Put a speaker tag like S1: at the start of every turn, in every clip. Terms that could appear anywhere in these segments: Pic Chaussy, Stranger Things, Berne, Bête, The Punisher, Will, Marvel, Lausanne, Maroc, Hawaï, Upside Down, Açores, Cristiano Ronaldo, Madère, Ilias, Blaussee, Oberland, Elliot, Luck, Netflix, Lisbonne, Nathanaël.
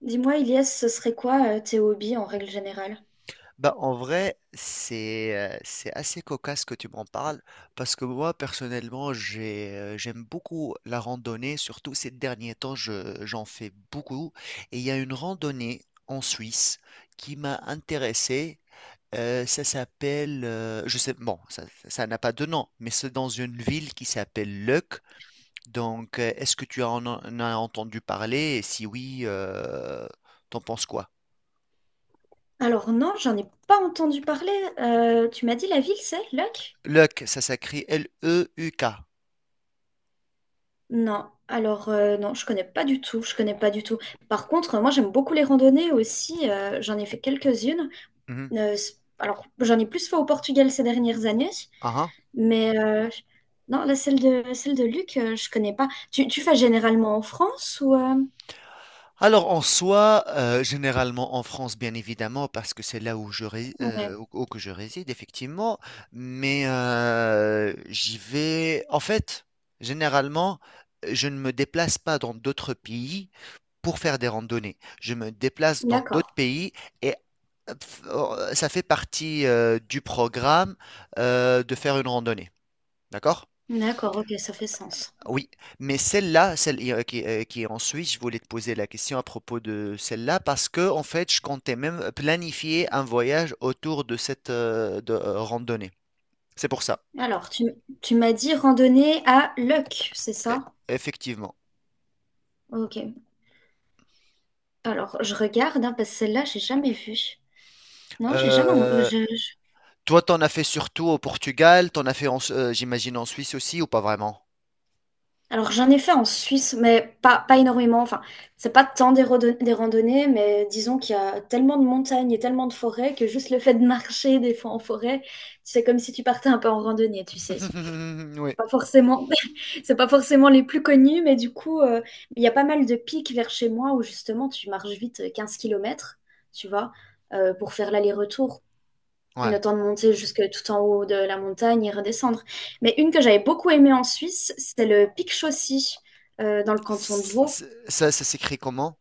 S1: Dis-moi, Ilias, ce serait quoi tes hobbies en règle générale?
S2: Bah, en vrai, c'est assez cocasse que tu m'en parles parce que moi, personnellement, j'aime beaucoup la randonnée. Surtout ces derniers temps, j'en fais beaucoup. Et il y a une randonnée en Suisse qui m'a intéressé. Ça s'appelle, je sais, bon, ça n'a pas de nom, mais c'est dans une ville qui s'appelle Leuc. Donc, est-ce que en as entendu parler? Et si oui, t'en penses quoi?
S1: Alors non, j'en ai pas entendu parler. Tu m'as dit la ville, c'est Luck?
S2: Leuc, ça s'écrit Leuk.
S1: Non, alors non, je connais pas du tout, je connais pas du tout. Par contre, moi j'aime beaucoup les randonnées aussi, j'en ai fait quelques-unes. Alors j'en ai plus fait au Portugal ces dernières années,
S2: Ah, ah.
S1: mais non, la celle de Luc, je connais pas. Tu fais généralement en France ou
S2: Alors en soi, généralement en France, bien évidemment, parce que c'est là où
S1: ouais,
S2: où que je réside, effectivement, mais j'y vais. En fait, généralement, je ne me déplace pas dans d'autres pays pour faire des randonnées. Je me déplace dans
S1: d'accord.
S2: d'autres pays et ça fait partie du programme de faire une randonnée. D'accord?
S1: D'accord, ok, ça fait sens.
S2: Oui, mais celle-là, celle qui est en Suisse, je voulais te poser la question à propos de celle-là parce que en fait, je comptais même planifier un voyage autour de cette randonnée. C'est pour ça,
S1: Alors, tu m'as dit randonnée à Luck, c'est
S2: E-
S1: ça?
S2: effectivement.
S1: Ok. Alors, je regarde, hein, parce que celle-là, j'ai jamais vue. Non, j'ai jamais.
S2: Euh, toi, t'en as fait surtout au Portugal, t'en as fait, j'imagine, en Suisse aussi ou pas vraiment?
S1: Alors, j'en ai fait en Suisse, mais pas énormément. Enfin, c'est pas tant des randonnées, mais disons qu'il y a tellement de montagnes et tellement de forêts que juste le fait de marcher des fois en forêt, c'est comme si tu partais un peu en randonnée, tu sais.
S2: Oui,
S1: Pas forcément, c'est pas forcément les plus connus, mais du coup, il y a pas mal de pics vers chez moi où justement tu marches vite 15 km, tu vois, pour faire l'aller-retour. Le
S2: ouais.
S1: temps de monter jusque tout en haut de la montagne et redescendre. Mais une que j'avais beaucoup aimée en Suisse, c'est le pic Chaussy, dans le canton de Vaud.
S2: Ça, ça s'écrit comment?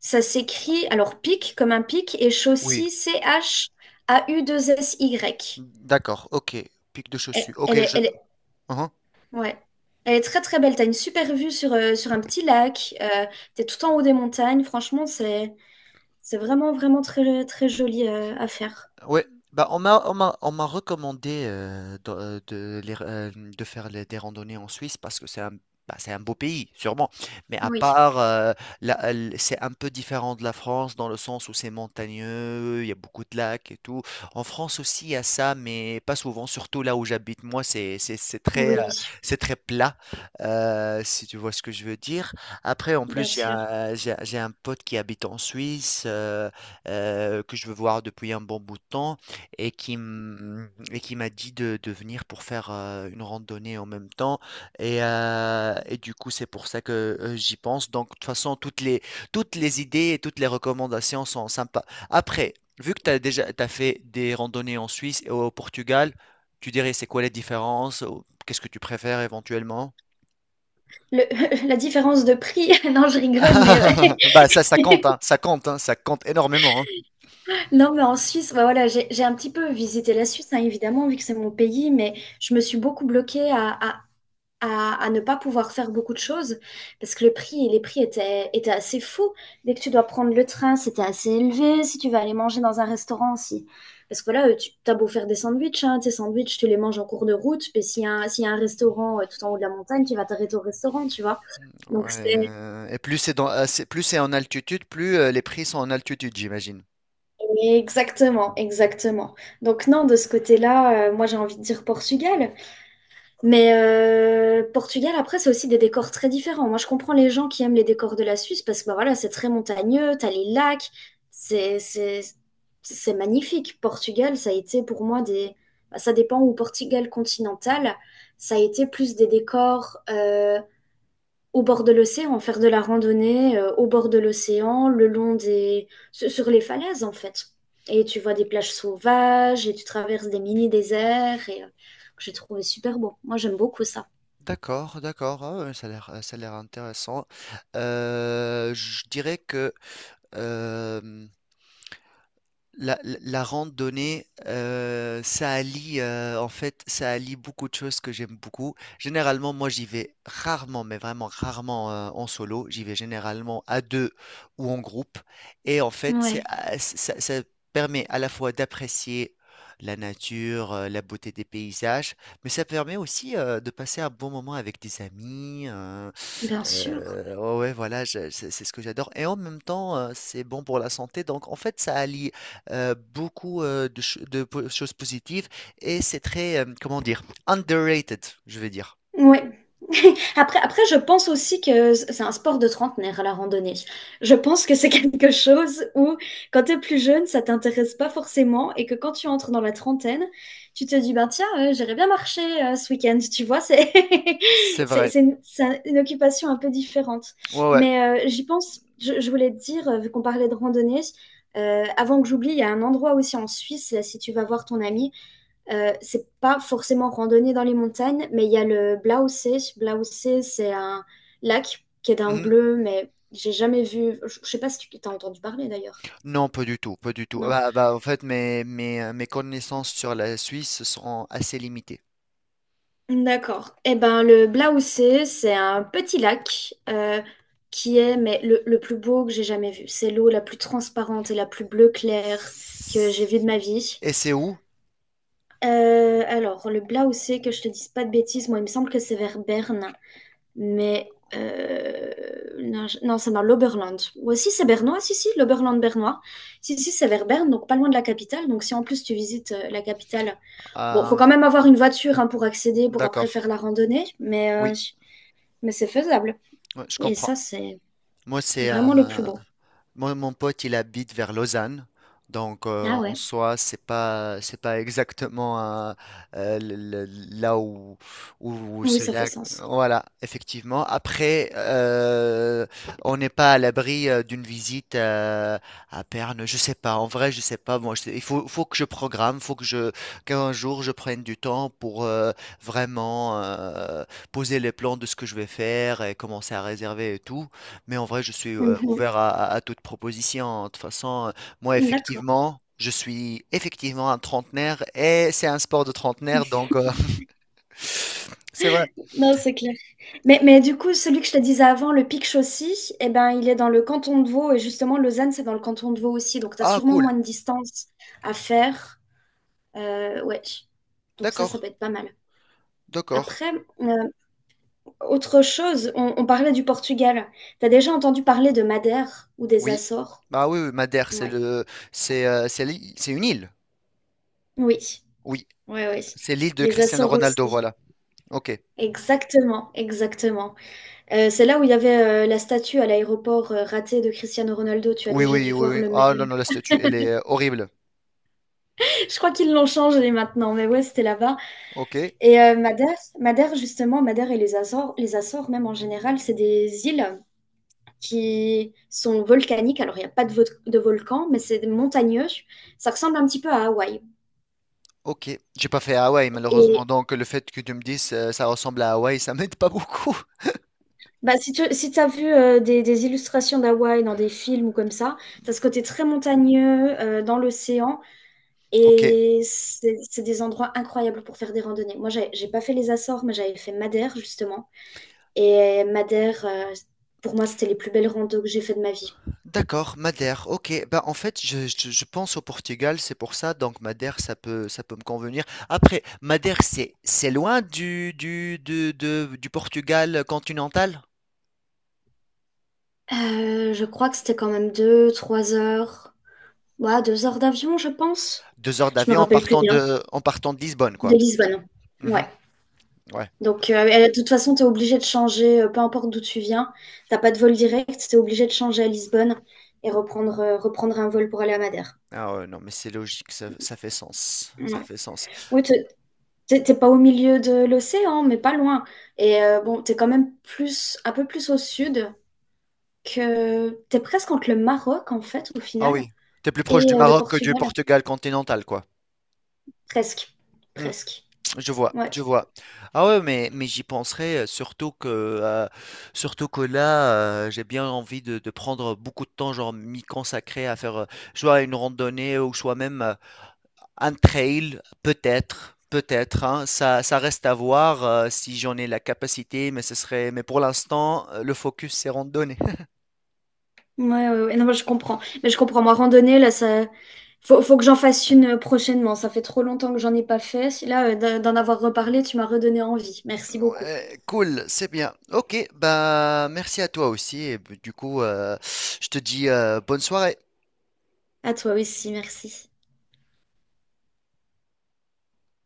S1: Ça s'écrit, alors pic comme un pic, et
S2: Oui,
S1: Chaussy, C-H-A-USSY.
S2: d'accord, ok. Pic de
S1: Elle,
S2: chaussures.
S1: elle
S2: Ok,
S1: est-
S2: je.
S1: elle est
S2: Uh-huh.
S1: Ouais. Elle est très très belle. T'as une super vue sur, sur un petit lac. T'es tout en haut des montagnes. Franchement, c'est vraiment vraiment très très joli à faire.
S2: Ouais, bah on m'a recommandé de faire des randonnées en Suisse parce que c'est un, c'est un beau pays, sûrement. Mais à
S1: Oui,
S2: part c'est un peu différent de la France dans le sens où c'est montagneux, il y a beaucoup de lacs et tout. En France aussi il y a ça, mais pas souvent, surtout là où j'habite moi, c'est très
S1: oui,
S2: c'est très plat, si tu vois ce que je veux dire. Après, en
S1: bien
S2: plus j'ai
S1: sûr.
S2: un j'ai j'ai un pote qui habite en Suisse. Que je veux voir depuis un bon bout de temps et et qui m'a dit de venir pour faire une randonnée en même temps. Et du coup, c'est pour ça que j'y pense. Donc, de toute façon, toutes les idées et toutes les recommandations sont sympas. Après, vu que tu as déjà t'as fait des randonnées en Suisse et au Portugal, tu dirais c'est quoi les différences? Ou qu'est-ce que tu préfères éventuellement?
S1: Le, la différence de prix, non, je rigole, mais ouais.
S2: Bah ça, ça compte, hein, ça compte, hein, ça compte énormément, hein.
S1: Non, mais en Suisse, bah voilà, j'ai un petit peu visité la Suisse, hein, évidemment, vu que c'est mon pays, mais je me suis beaucoup bloquée à ne pas pouvoir faire beaucoup de choses parce que les prix étaient assez fous. Dès que tu dois prendre le train, c'était assez élevé. Si tu vas aller manger dans un restaurant aussi. Parce que là tu as beau faire des sandwichs, hein, tes sandwichs, tu les manges en cours de route. Mais s'il y a un restaurant tout en haut de la montagne, tu vas t'arrêter au restaurant, tu vois.
S2: Ouais,
S1: Donc c'est
S2: et plus plus c'est en altitude, plus les prix sont en altitude, j'imagine.
S1: exactement, exactement. Donc non, de ce côté-là, moi j'ai envie de dire Portugal. Mais Portugal, après, c'est aussi des décors très différents. Moi, je comprends les gens qui aiment les décors de la Suisse parce que bah, voilà, c'est très montagneux, t'as les lacs, c'est c'est- c'est magnifique. Portugal, ça a été pour moi des, bah, ça dépend, où Portugal continental, ça a été plus des décors, au bord de l'océan, faire de la randonnée au bord de l'océan, le long des, sur les falaises en fait. Et tu vois des plages sauvages et tu traverses des mini-déserts et que j'ai trouvé super beau. Moi j'aime beaucoup ça.
S2: D'accord, d'accord, ah ouais, ça a l'air intéressant. Je dirais que euh, la, la randonnée, ça allie, en fait, ça allie beaucoup de choses que j'aime beaucoup. Généralement, moi, j'y vais rarement, mais vraiment rarement, en solo. J'y vais généralement à deux ou en groupe. Et en fait,
S1: Ouais,
S2: ça permet à la fois d'apprécier la nature, la beauté des paysages, mais ça permet aussi, de passer un bon moment avec des amis.
S1: bien sûr.
S2: Ouais, ouais, voilà, c'est ce que j'adore. Et en même temps, c'est bon pour la santé. Donc, en fait, ça allie beaucoup de choses positives et c'est très, comment dire, underrated, je vais dire.
S1: Ouais. Après, je pense aussi que c'est un sport de trentenaire, la randonnée. Je pense que c'est quelque chose où, quand t'es plus jeune, ça t'intéresse pas forcément et que quand tu entres dans la trentaine, tu te dis, ben tiens, j'irais bien marcher ce week-end. Tu vois, c'est
S2: C'est vrai.
S1: c'est une, c'est un- une occupation un peu différente.
S2: Ouais, ouais.
S1: Mais j'y pense, je voulais te dire, vu qu'on parlait de randonnée, avant que j'oublie, il y a un endroit aussi en Suisse, là, si tu vas voir ton ami, c'est pas forcément randonnée dans les montagnes, mais il y a le Blaussee. Blaussee, c'est un lac qui est d'un
S2: Mhm.
S1: bleu, mais j'ai jamais vu. Je sais pas si tu t'as entendu parler d'ailleurs.
S2: Non, pas du tout, pas du tout.
S1: Non.
S2: Bah, bah, en fait, mes connaissances sur la Suisse sont assez limitées.
S1: D'accord. Eh ben, le Blaussee, c'est un petit lac qui est mais le plus beau que j'ai jamais vu. C'est l'eau la plus transparente et la plus bleue claire que j'ai vue de ma vie.
S2: Et c'est où?
S1: Alors, le Blaussee, que je te dise pas de bêtises, moi, il me semble que c'est vers Berne. Mais non, non, c'est dans l'Oberland. Ou aussi, c'est bernois. Si, si, l'Oberland bernois. Si, si, c'est vers Berne, donc pas loin de la capitale. Donc, si en plus tu visites la capitale, bon, faut
S2: Ah,
S1: quand même avoir une voiture hein, pour accéder, pour après
S2: d'accord,
S1: faire la randonnée, mais, euh,
S2: oui,
S1: mais c'est faisable.
S2: ouais, je
S1: Et
S2: comprends.
S1: ça, c'est
S2: Moi, c'est
S1: vraiment le plus beau.
S2: moi, mon pote, il habite vers Lausanne. Donc,
S1: Ah
S2: en
S1: ouais,
S2: soi, c'est pas exactement euh, euh, le- le- là où, où
S1: oui,
S2: ce
S1: ça fait
S2: lac.
S1: sens.
S2: Voilà, effectivement. Après, on n'est pas à l'abri d'une visite à Berne. Je sais pas. En vrai, je sais pas. Moi, il faut, faut que je programme. Qu'un jour, je prenne du temps pour vraiment poser les plans de ce que je vais faire et commencer à réserver et tout. Mais en vrai, je suis
S1: Mhm.
S2: ouvert à, à toute proposition. De toute façon, moi,
S1: D'accord.
S2: effectivement, je suis effectivement un trentenaire et c'est un sport de trentenaire, donc c'est vrai.
S1: Non, c'est clair. Mais du coup, celui que je te disais avant, le Pic Chaussy, eh ben, il est dans le canton de Vaud. Et justement, Lausanne, c'est dans le canton de Vaud aussi. Donc, tu as
S2: Ah,
S1: sûrement
S2: cool.
S1: moins de distance à faire. Ouais. Donc, ça
S2: D'accord.
S1: peut être pas mal.
S2: D'accord.
S1: Après, euh, autre chose, on parlait du Portugal. Tu as déjà entendu parler de Madère ou des
S2: Oui.
S1: Açores?
S2: Bah oui, oui, Madère,
S1: Ouais.
S2: c'est c'est une île.
S1: Oui,
S2: Oui.
S1: oui, oui.
S2: C'est l'île de
S1: Les
S2: Cristiano
S1: Açores
S2: Ronaldo,
S1: aussi.
S2: voilà. Ok.
S1: Exactement, exactement. C'est là où il y avait la statue à l'aéroport ratée de Cristiano Ronaldo. Tu as
S2: Oui,
S1: déjà
S2: oui,
S1: dû
S2: oui,
S1: voir
S2: oui.
S1: le
S2: Ah non,
S1: même.
S2: non, la statue, elle est horrible.
S1: Je crois qu'ils l'ont changé maintenant, mais ouais, c'était là-bas.
S2: Ok.
S1: Et Madère, justement, Madère et les Açores, même en général, c'est des îles qui sont volcaniques. Alors, il n'y a pas de volcan, mais c'est montagneux. Ça ressemble un petit peu à Hawaï.
S2: Ok, j'ai pas fait Hawaï malheureusement,
S1: Et
S2: donc le fait que tu me dises ça ressemble à Hawaï, ça m'aide pas beaucoup.
S1: bah, si tu si as vu des illustrations d'Hawaï dans des films ou comme ça, tu as ce côté très montagneux dans l'océan.
S2: Ok,
S1: Et c'est des endroits incroyables pour faire des randonnées. Moi, j'ai pas fait les Açores, mais j'avais fait Madère, justement. Et Madère, pour moi, c'était les plus belles randos que j'ai fait de ma vie.
S2: d'accord, Madère, ok. Bah, en fait, je pense au Portugal, c'est pour ça, donc Madère, ça peut me convenir. Après, Madère, c'est loin du Portugal continental?
S1: Je crois que c'était quand même 2, 3 heures. Ouais, 2 heures d'avion, je pense.
S2: Deux heures
S1: Je me
S2: d'avion en
S1: rappelle plus
S2: partant
S1: bien.
S2: en partant de Lisbonne,
S1: De
S2: quoi.
S1: Lisbonne. Ouais.
S2: Mhm, ouais.
S1: Donc, et de toute façon, tu es obligé de changer, peu importe d'où tu viens. T'as pas de vol direct, tu es obligé de changer à Lisbonne et reprendre, reprendre un vol pour aller à Madère.
S2: Ah ouais, non, mais c'est logique, ça fait sens.
S1: Ouais.
S2: Ça fait sens.
S1: Oui, t'es pas au milieu de l'océan, mais pas loin. Et bon, t'es quand même plus, un peu plus au sud, que t'es presque entre le Maroc, en fait, au
S2: Ah
S1: final,
S2: oui, t'es plus
S1: et
S2: proche du
S1: le
S2: Maroc que du
S1: Portugal.
S2: Portugal continental, quoi.
S1: Presque.
S2: Hmm.
S1: Presque.
S2: Je vois,
S1: Ouais.
S2: je vois. Ah ouais, mais j'y penserai, surtout que là, j'ai bien envie de prendre beaucoup de temps, genre m'y consacrer à faire soit une randonnée ou soit même un trail, peut-être, peut-être, hein. Ça reste à voir si j'en ai la capacité, mais ce serait, mais pour l'instant, le focus c'est randonnée.
S1: Ouais, ouais, ouais. Non, mais je comprends. Mais je comprends. Moi, randonnée, là, ça. Faut que j'en fasse une prochainement. Ça fait trop longtemps que j'en ai pas fait. Là, d'en avoir reparlé, tu m'as redonné envie. Merci beaucoup.
S2: Ouais, cool, c'est bien. Ok, bah merci à toi aussi. Et bah, du coup, je te dis bonne soirée.
S1: À toi aussi, merci.